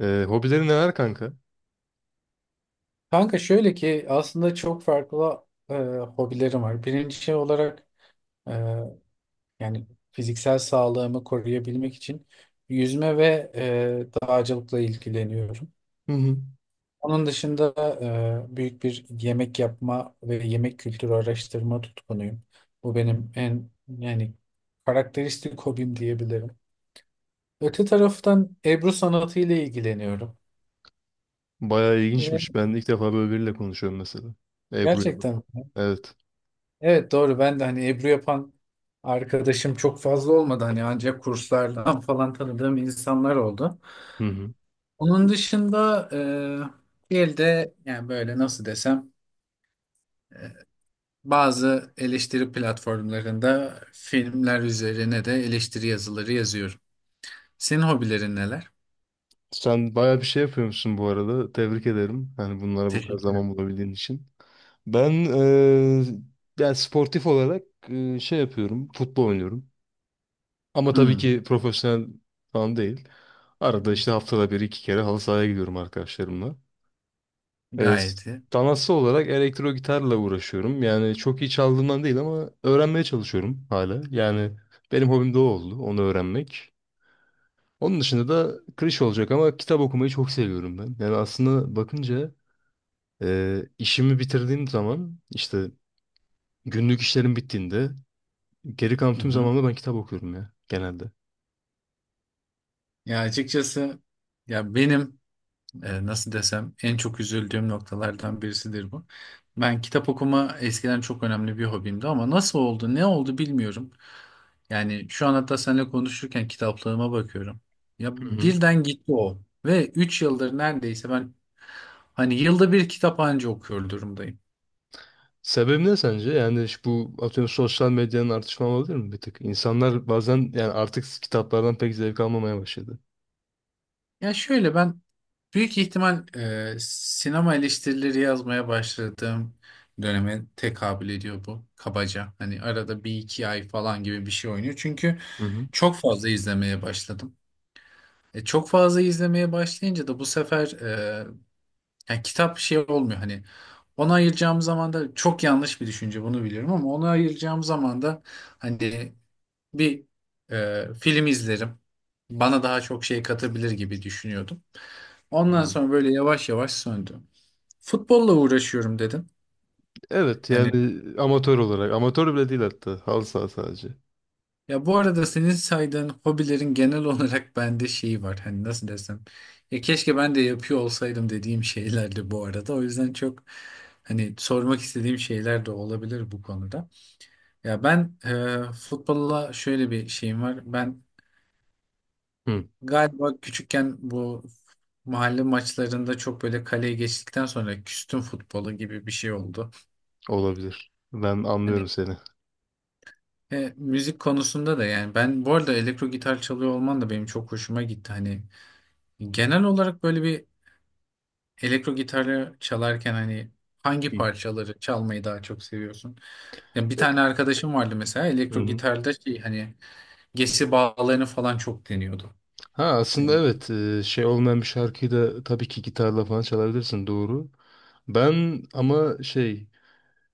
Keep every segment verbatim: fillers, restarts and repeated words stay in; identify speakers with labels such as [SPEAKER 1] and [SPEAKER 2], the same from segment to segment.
[SPEAKER 1] Ee, hobilerin neler kanka?
[SPEAKER 2] Kanka şöyle ki aslında çok farklı e, hobilerim var. Birinci şey olarak e, yani fiziksel sağlığımı koruyabilmek için yüzme ve e, dağcılıkla ilgileniyorum.
[SPEAKER 1] Hı hı.
[SPEAKER 2] Onun dışında e, büyük bir yemek yapma ve yemek kültürü araştırma tutkunuyum. Bu benim en yani karakteristik hobim diyebilirim. Öte taraftan Ebru sanatı ile ilgileniyorum.
[SPEAKER 1] Bayağı
[SPEAKER 2] Ve
[SPEAKER 1] ilginçmiş. Ben de ilk defa böyle biriyle konuşuyorum mesela. Ebru yapıyor.
[SPEAKER 2] gerçekten
[SPEAKER 1] Evet.
[SPEAKER 2] evet, doğru, ben de hani Ebru yapan arkadaşım çok fazla olmadı hani, ancak kurslardan falan tanıdığım insanlar oldu.
[SPEAKER 1] Hı hı.
[SPEAKER 2] Onun dışında e, bir elde yani böyle nasıl desem, bazı eleştiri platformlarında filmler üzerine de eleştiri yazıları yazıyorum. Senin hobilerin neler?
[SPEAKER 1] Sen bayağı bir şey yapıyormuşsun bu arada. Tebrik ederim. Hani bunlara bu kadar
[SPEAKER 2] Teşekkür ederim.
[SPEAKER 1] zaman bulabildiğin için. Ben eee yani sportif olarak eee, şey yapıyorum. Futbol oynuyorum. Ama tabii
[SPEAKER 2] Hmm,
[SPEAKER 1] ki profesyonel falan değil. Arada işte haftada bir iki kere halı sahaya gidiyorum arkadaşlarımla. E,
[SPEAKER 2] gayet iyi.
[SPEAKER 1] Sanatsal olarak elektro gitarla uğraşıyorum. Yani çok iyi çaldığımdan değil ama öğrenmeye çalışıyorum hala. Yani benim hobim de o oldu, onu öğrenmek. Onun dışında da klişe olacak ama kitap okumayı çok seviyorum ben. Yani aslında bakınca e, işimi bitirdiğim zaman işte günlük işlerim bittiğinde geri kalan
[SPEAKER 2] Hı
[SPEAKER 1] tüm
[SPEAKER 2] hı.
[SPEAKER 1] zamanımda ben kitap okuyorum ya genelde.
[SPEAKER 2] Ya açıkçası ya benim e, nasıl desem en çok üzüldüğüm noktalardan birisidir bu. Ben kitap okuma eskiden çok önemli bir hobimdi, ama nasıl oldu, ne oldu bilmiyorum. Yani şu an hatta seninle konuşurken kitaplığıma bakıyorum. Ya
[SPEAKER 1] Hı hı.
[SPEAKER 2] birden gitti o ve üç yıldır neredeyse ben hani yılda bir kitap anca okuyor durumdayım.
[SPEAKER 1] Sebebi ne sence? Yani şu bu atıyorum sosyal medyanın artışma olabilir mi bir tık? İnsanlar bazen yani artık kitaplardan pek zevk almamaya başladı.
[SPEAKER 2] Ya şöyle, ben büyük ihtimal e, sinema eleştirileri yazmaya başladığım döneme tekabül ediyor bu kabaca. Hani arada bir iki ay falan gibi bir şey oynuyor. Çünkü çok fazla izlemeye başladım. E, çok fazla izlemeye başlayınca da bu sefer e, yani kitap şey olmuyor hani, ona ayıracağım zaman da, çok yanlış bir düşünce bunu biliyorum ama, ona ayıracağım zaman da hani bir e, film izlerim. Bana daha çok şey katabilir gibi düşünüyordum. Ondan
[SPEAKER 1] Hı.
[SPEAKER 2] sonra böyle yavaş yavaş söndü. Futbolla uğraşıyorum dedim.
[SPEAKER 1] Evet
[SPEAKER 2] Yani
[SPEAKER 1] yani amatör olarak. Amatör bile değil hatta. Halı saha sadece.
[SPEAKER 2] ya bu arada senin saydığın hobilerin genel olarak bende şeyi var. Hani nasıl desem. Ya keşke ben de yapıyor olsaydım dediğim şeylerdi bu arada. O yüzden çok hani sormak istediğim şeyler de olabilir bu konuda. Ya ben e, futbolla şöyle bir şeyim var. Ben
[SPEAKER 1] Hı.
[SPEAKER 2] galiba küçükken bu mahalle maçlarında çok böyle kaleye geçtikten sonra küstüm futbolu gibi bir şey oldu.
[SPEAKER 1] Olabilir. Ben
[SPEAKER 2] Hani
[SPEAKER 1] anlıyorum seni.
[SPEAKER 2] e, müzik konusunda da, yani ben bu arada elektro gitar çalıyor olman da benim çok hoşuma gitti. Hani genel olarak böyle bir elektro gitarı çalarken hani hangi
[SPEAKER 1] Hı.
[SPEAKER 2] parçaları çalmayı daha çok seviyorsun? Ya bir
[SPEAKER 1] E,
[SPEAKER 2] tane arkadaşım vardı mesela,
[SPEAKER 1] Hı
[SPEAKER 2] elektro
[SPEAKER 1] hı.
[SPEAKER 2] gitarda şey hani gesi bağlarını falan çok deniyordu.
[SPEAKER 1] Ha aslında
[SPEAKER 2] Yani-
[SPEAKER 1] evet e, şey olmayan bir şarkıyı da tabii ki gitarla falan çalabilirsin doğru. Ben ama şey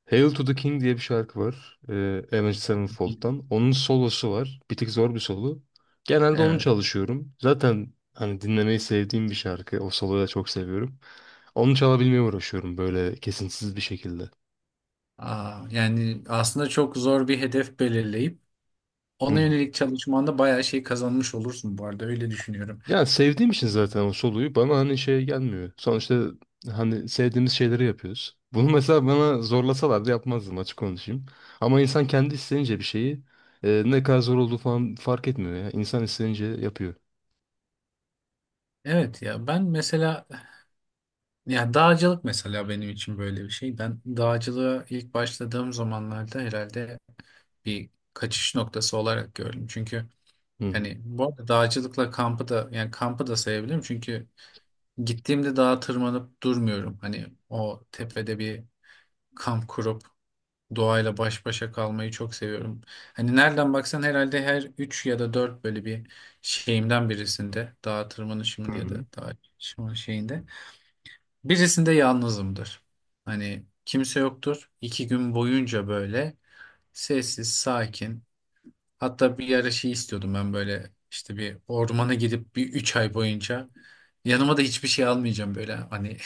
[SPEAKER 1] Hail to the King diye bir şarkı var. E, Avenged Sevenfold'dan. Onun solosu var. Bir tık zor bir solo. Genelde onu
[SPEAKER 2] evet.
[SPEAKER 1] çalışıyorum. Zaten hani dinlemeyi sevdiğim bir şarkı. O soloyu da çok seviyorum. Onu çalabilmeye uğraşıyorum böyle kesintisiz bir şekilde.
[SPEAKER 2] Aa, yani aslında çok zor bir hedef belirleyip
[SPEAKER 1] Hı.
[SPEAKER 2] ona yönelik çalışmanda bayağı şey kazanmış olursun bu arada, öyle düşünüyorum.
[SPEAKER 1] Ya sevdiğim için zaten o soluyu bana hani şey gelmiyor. Sonuçta hani sevdiğimiz şeyleri yapıyoruz. Bunu mesela bana zorlasalardı yapmazdım açık konuşayım. Ama insan kendi isteyince bir şeyi e, ne kadar zor olduğu falan fark etmiyor ya. İnsan isteyince yapıyor.
[SPEAKER 2] Evet, ya ben mesela ya dağcılık mesela benim için böyle bir şey. Ben dağcılığa ilk başladığım zamanlarda herhalde bir kaçış noktası olarak gördüm. Çünkü
[SPEAKER 1] Hı hı.
[SPEAKER 2] hani bu arada dağcılıkla kampı da, yani kampı da sayabilirim. Çünkü gittiğimde dağa tırmanıp durmuyorum. Hani o tepede bir kamp kurup doğayla baş başa kalmayı çok seviyorum. Hani nereden baksan herhalde her üç ya da dört böyle bir şeyimden birisinde, dağa tırmanışımın
[SPEAKER 1] Hı
[SPEAKER 2] ya
[SPEAKER 1] hı.
[SPEAKER 2] da dağ çıkışımın şeyinde birisinde yalnızımdır. Hani kimse yoktur. İki gün boyunca böyle sessiz, sakin. Hatta bir ara şey istiyordum ben, böyle işte bir ormana gidip bir üç ay boyunca yanıma da hiçbir şey almayacağım böyle hani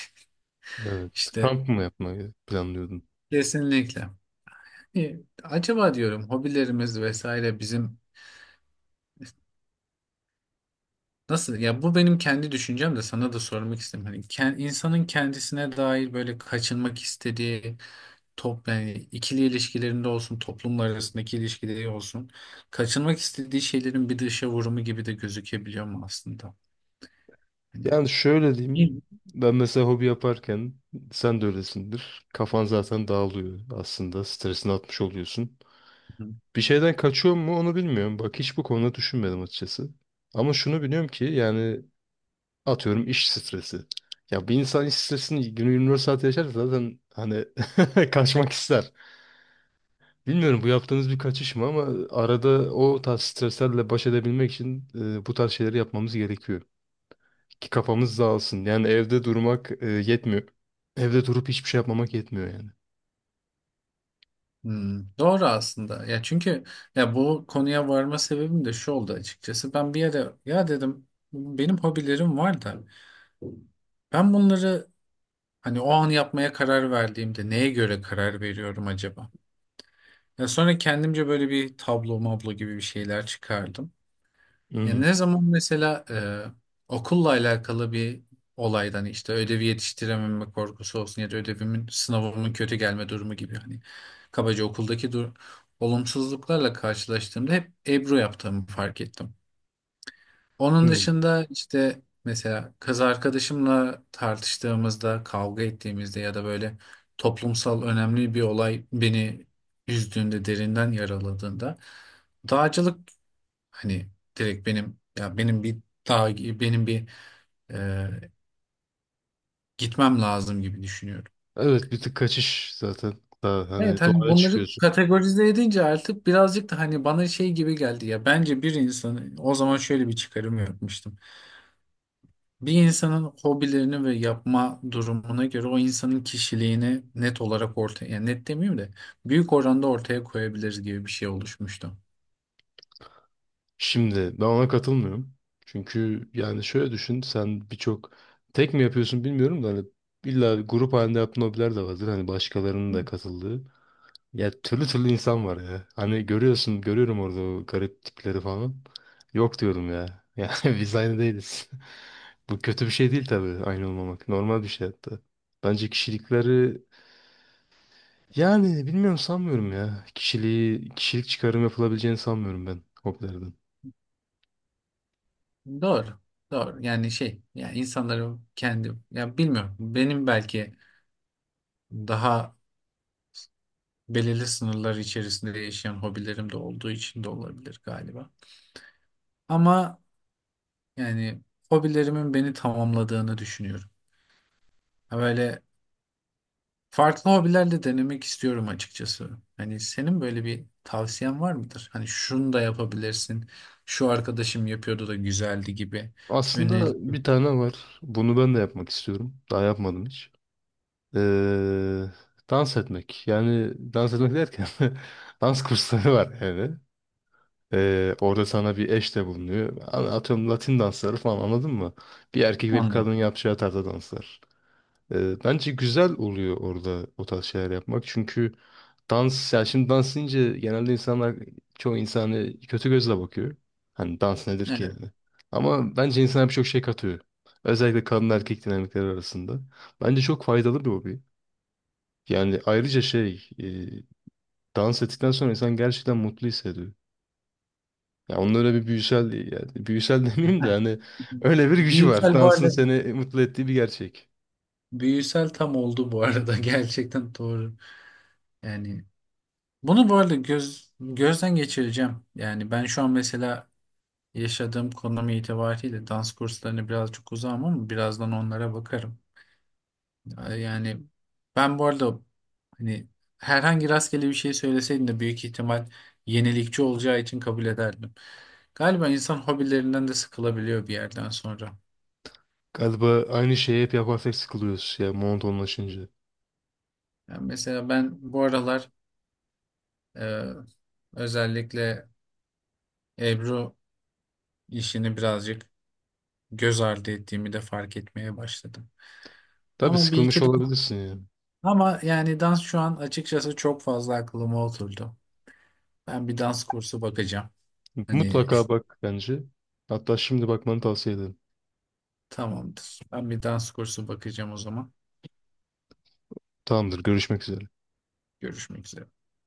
[SPEAKER 1] Evet.
[SPEAKER 2] işte
[SPEAKER 1] Kamp mı yapmayı planlıyordun?
[SPEAKER 2] kesinlikle. E, Acaba diyorum, hobilerimiz vesaire bizim nasıl, ya bu benim kendi düşüncem, de sana da sormak istedim. Hani ken- insanın kendisine dair böyle kaçınmak istediği top yani ikili ilişkilerinde olsun, toplumlar arasındaki ilişkileri olsun, kaçınmak istediği şeylerin bir dışa vurumu gibi de gözükebiliyor mu aslında? Hani
[SPEAKER 1] Yani şöyle diyeyim. Ben mesela hobi yaparken sen de öylesindir. Kafan zaten dağılıyor aslında. Stresini atmış oluyorsun.
[SPEAKER 2] hı.
[SPEAKER 1] Bir şeyden kaçıyor mu onu bilmiyorum. Bak hiç bu konuda düşünmedim açıkçası. Ama şunu biliyorum ki yani atıyorum iş stresi. Ya bir insan iş stresini günü yirmi dört saat yaşarsa zaten hani kaçmak ister. Bilmiyorum bu yaptığınız bir kaçış mı ama arada o tarz streslerle baş edebilmek için e, bu tarz şeyleri yapmamız gerekiyor. Ki kafamız dağılsın. Yani evde durmak e, yetmiyor. Evde durup hiçbir şey yapmamak yetmiyor yani.
[SPEAKER 2] Hmm, doğru aslında. Ya çünkü ya bu konuya varma sebebim de şu oldu açıkçası. Ben bir yere ya dedim, benim hobilerim var da ben bunları hani o an yapmaya karar verdiğimde neye göre karar veriyorum acaba? Ya sonra kendimce böyle bir tablo mablo gibi bir şeyler çıkardım.
[SPEAKER 1] Hı
[SPEAKER 2] Ya
[SPEAKER 1] hı.
[SPEAKER 2] ne zaman mesela e, okulla alakalı bir olaydan, hani işte ödevi yetiştirememe korkusu olsun ya da ödevimin sınavımın kötü gelme durumu gibi, hani kabaca okuldaki dur olumsuzluklarla karşılaştığımda hep Ebru yaptığımı fark ettim. Onun
[SPEAKER 1] Hı.
[SPEAKER 2] dışında işte mesela kız arkadaşımla tartıştığımızda, kavga ettiğimizde ya da böyle toplumsal önemli bir olay beni üzdüğünde, derinden yaraladığında, dağcılık. Hani direkt benim, ya benim bir, daha benim bir e, gitmem lazım gibi düşünüyorum.
[SPEAKER 1] Evet bir tık kaçış zaten. Daha
[SPEAKER 2] Evet,
[SPEAKER 1] hani
[SPEAKER 2] hani
[SPEAKER 1] doğaya
[SPEAKER 2] bunları
[SPEAKER 1] çıkıyorsun.
[SPEAKER 2] kategorize edince artık birazcık da hani bana şey gibi geldi ya, bence bir insanın, o zaman şöyle bir çıkarım yapmıştım. Bir insanın hobilerini ve yapma durumuna göre o insanın kişiliğini net olarak ortaya, yani net demeyeyim de, büyük oranda ortaya koyabiliriz gibi bir şey oluşmuştu.
[SPEAKER 1] Şimdi ben ona katılmıyorum. Çünkü yani şöyle düşün sen birçok tek mi yapıyorsun bilmiyorum da hani illa grup halinde yaptığın hobiler de vardır. Hani başkalarının da katıldığı. Ya türlü türlü insan var ya. Hani görüyorsun görüyorum orada o garip tipleri falan. Yok diyorum ya. Yani biz aynı değiliz. Bu kötü bir şey değil tabii aynı olmamak. Normal bir şey hatta. Bence kişilikleri yani bilmiyorum sanmıyorum ya. Kişiliği, kişilik çıkarım yapılabileceğini sanmıyorum ben hobilerden.
[SPEAKER 2] Doğru. Doğru. Yani şey, yani insanların kendi, ya bilmiyorum, benim belki daha belirli sınırlar içerisinde yaşayan hobilerim de olduğu için de olabilir galiba. Ama yani hobilerimin beni tamamladığını düşünüyorum. Ha, böyle farklı hobilerle denemek istiyorum açıkçası. Hani senin böyle bir tavsiyen var mıdır? Hani şunu da yapabilirsin. Şu arkadaşım yapıyordu da güzeldi gibi. Öneri,
[SPEAKER 1] Aslında bir tane var. Bunu ben de yapmak istiyorum. Daha yapmadım hiç. Ee, Dans etmek. Yani dans etmek derken dans kursları var yani. Ee, orada sana bir eş de bulunuyor. Hani atıyorum Latin dansları falan anladın mı? Bir erkek ve bir
[SPEAKER 2] anladım.
[SPEAKER 1] kadın yapacağı tarzda danslar. Ee, bence güzel oluyor orada o tarz şeyler yapmak. Çünkü dans, yani şimdi dans deyince genelde insanlar, çoğu insanı kötü gözle bakıyor. Hani dans nedir ki
[SPEAKER 2] Evet.
[SPEAKER 1] yani. Ama bence insana birçok şey katıyor. Özellikle kadın erkek dinamikleri arasında. Bence çok faydalı bir hobi. Yani ayrıca şey, e, dans ettikten sonra insan gerçekten mutlu hissediyor. Ya onun öyle bir büyüsel, yani büyüsel demeyeyim de hani öyle bir gücü var.
[SPEAKER 2] Büyüsel bu
[SPEAKER 1] Dansın
[SPEAKER 2] arada.
[SPEAKER 1] seni mutlu ettiği bir gerçek.
[SPEAKER 2] Büyüsel tam oldu bu arada. Gerçekten doğru. Yani bunu bu arada göz, gözden geçireceğim. Yani ben şu an mesela yaşadığım konum itibariyle dans kurslarına birazcık uzağım, ama birazdan onlara bakarım. Yani ben bu arada hani herhangi rastgele bir şey söyleseydin de büyük ihtimal yenilikçi olacağı için kabul ederdim. Galiba insan hobilerinden de sıkılabiliyor bir yerden sonra.
[SPEAKER 1] Galiba aynı şeyi hep yaparsak sıkılıyoruz ya monotonlaşınca.
[SPEAKER 2] Yani mesela ben bu aralar e, özellikle Ebru işini birazcık göz ardı ettiğimi de fark etmeye başladım.
[SPEAKER 1] Tabii
[SPEAKER 2] Ama bir
[SPEAKER 1] sıkılmış
[SPEAKER 2] iki dans.
[SPEAKER 1] olabilirsin ya.
[SPEAKER 2] Ama yani dans şu an açıkçası çok fazla aklıma oturdu. Ben bir dans kursu bakacağım. Hani
[SPEAKER 1] Mutlaka bak bence. Hatta şimdi bakmanı tavsiye ederim.
[SPEAKER 2] tamamdır. Ben bir dans kursu bakacağım o zaman.
[SPEAKER 1] Tamamdır, görüşmek üzere.
[SPEAKER 2] Görüşmek üzere.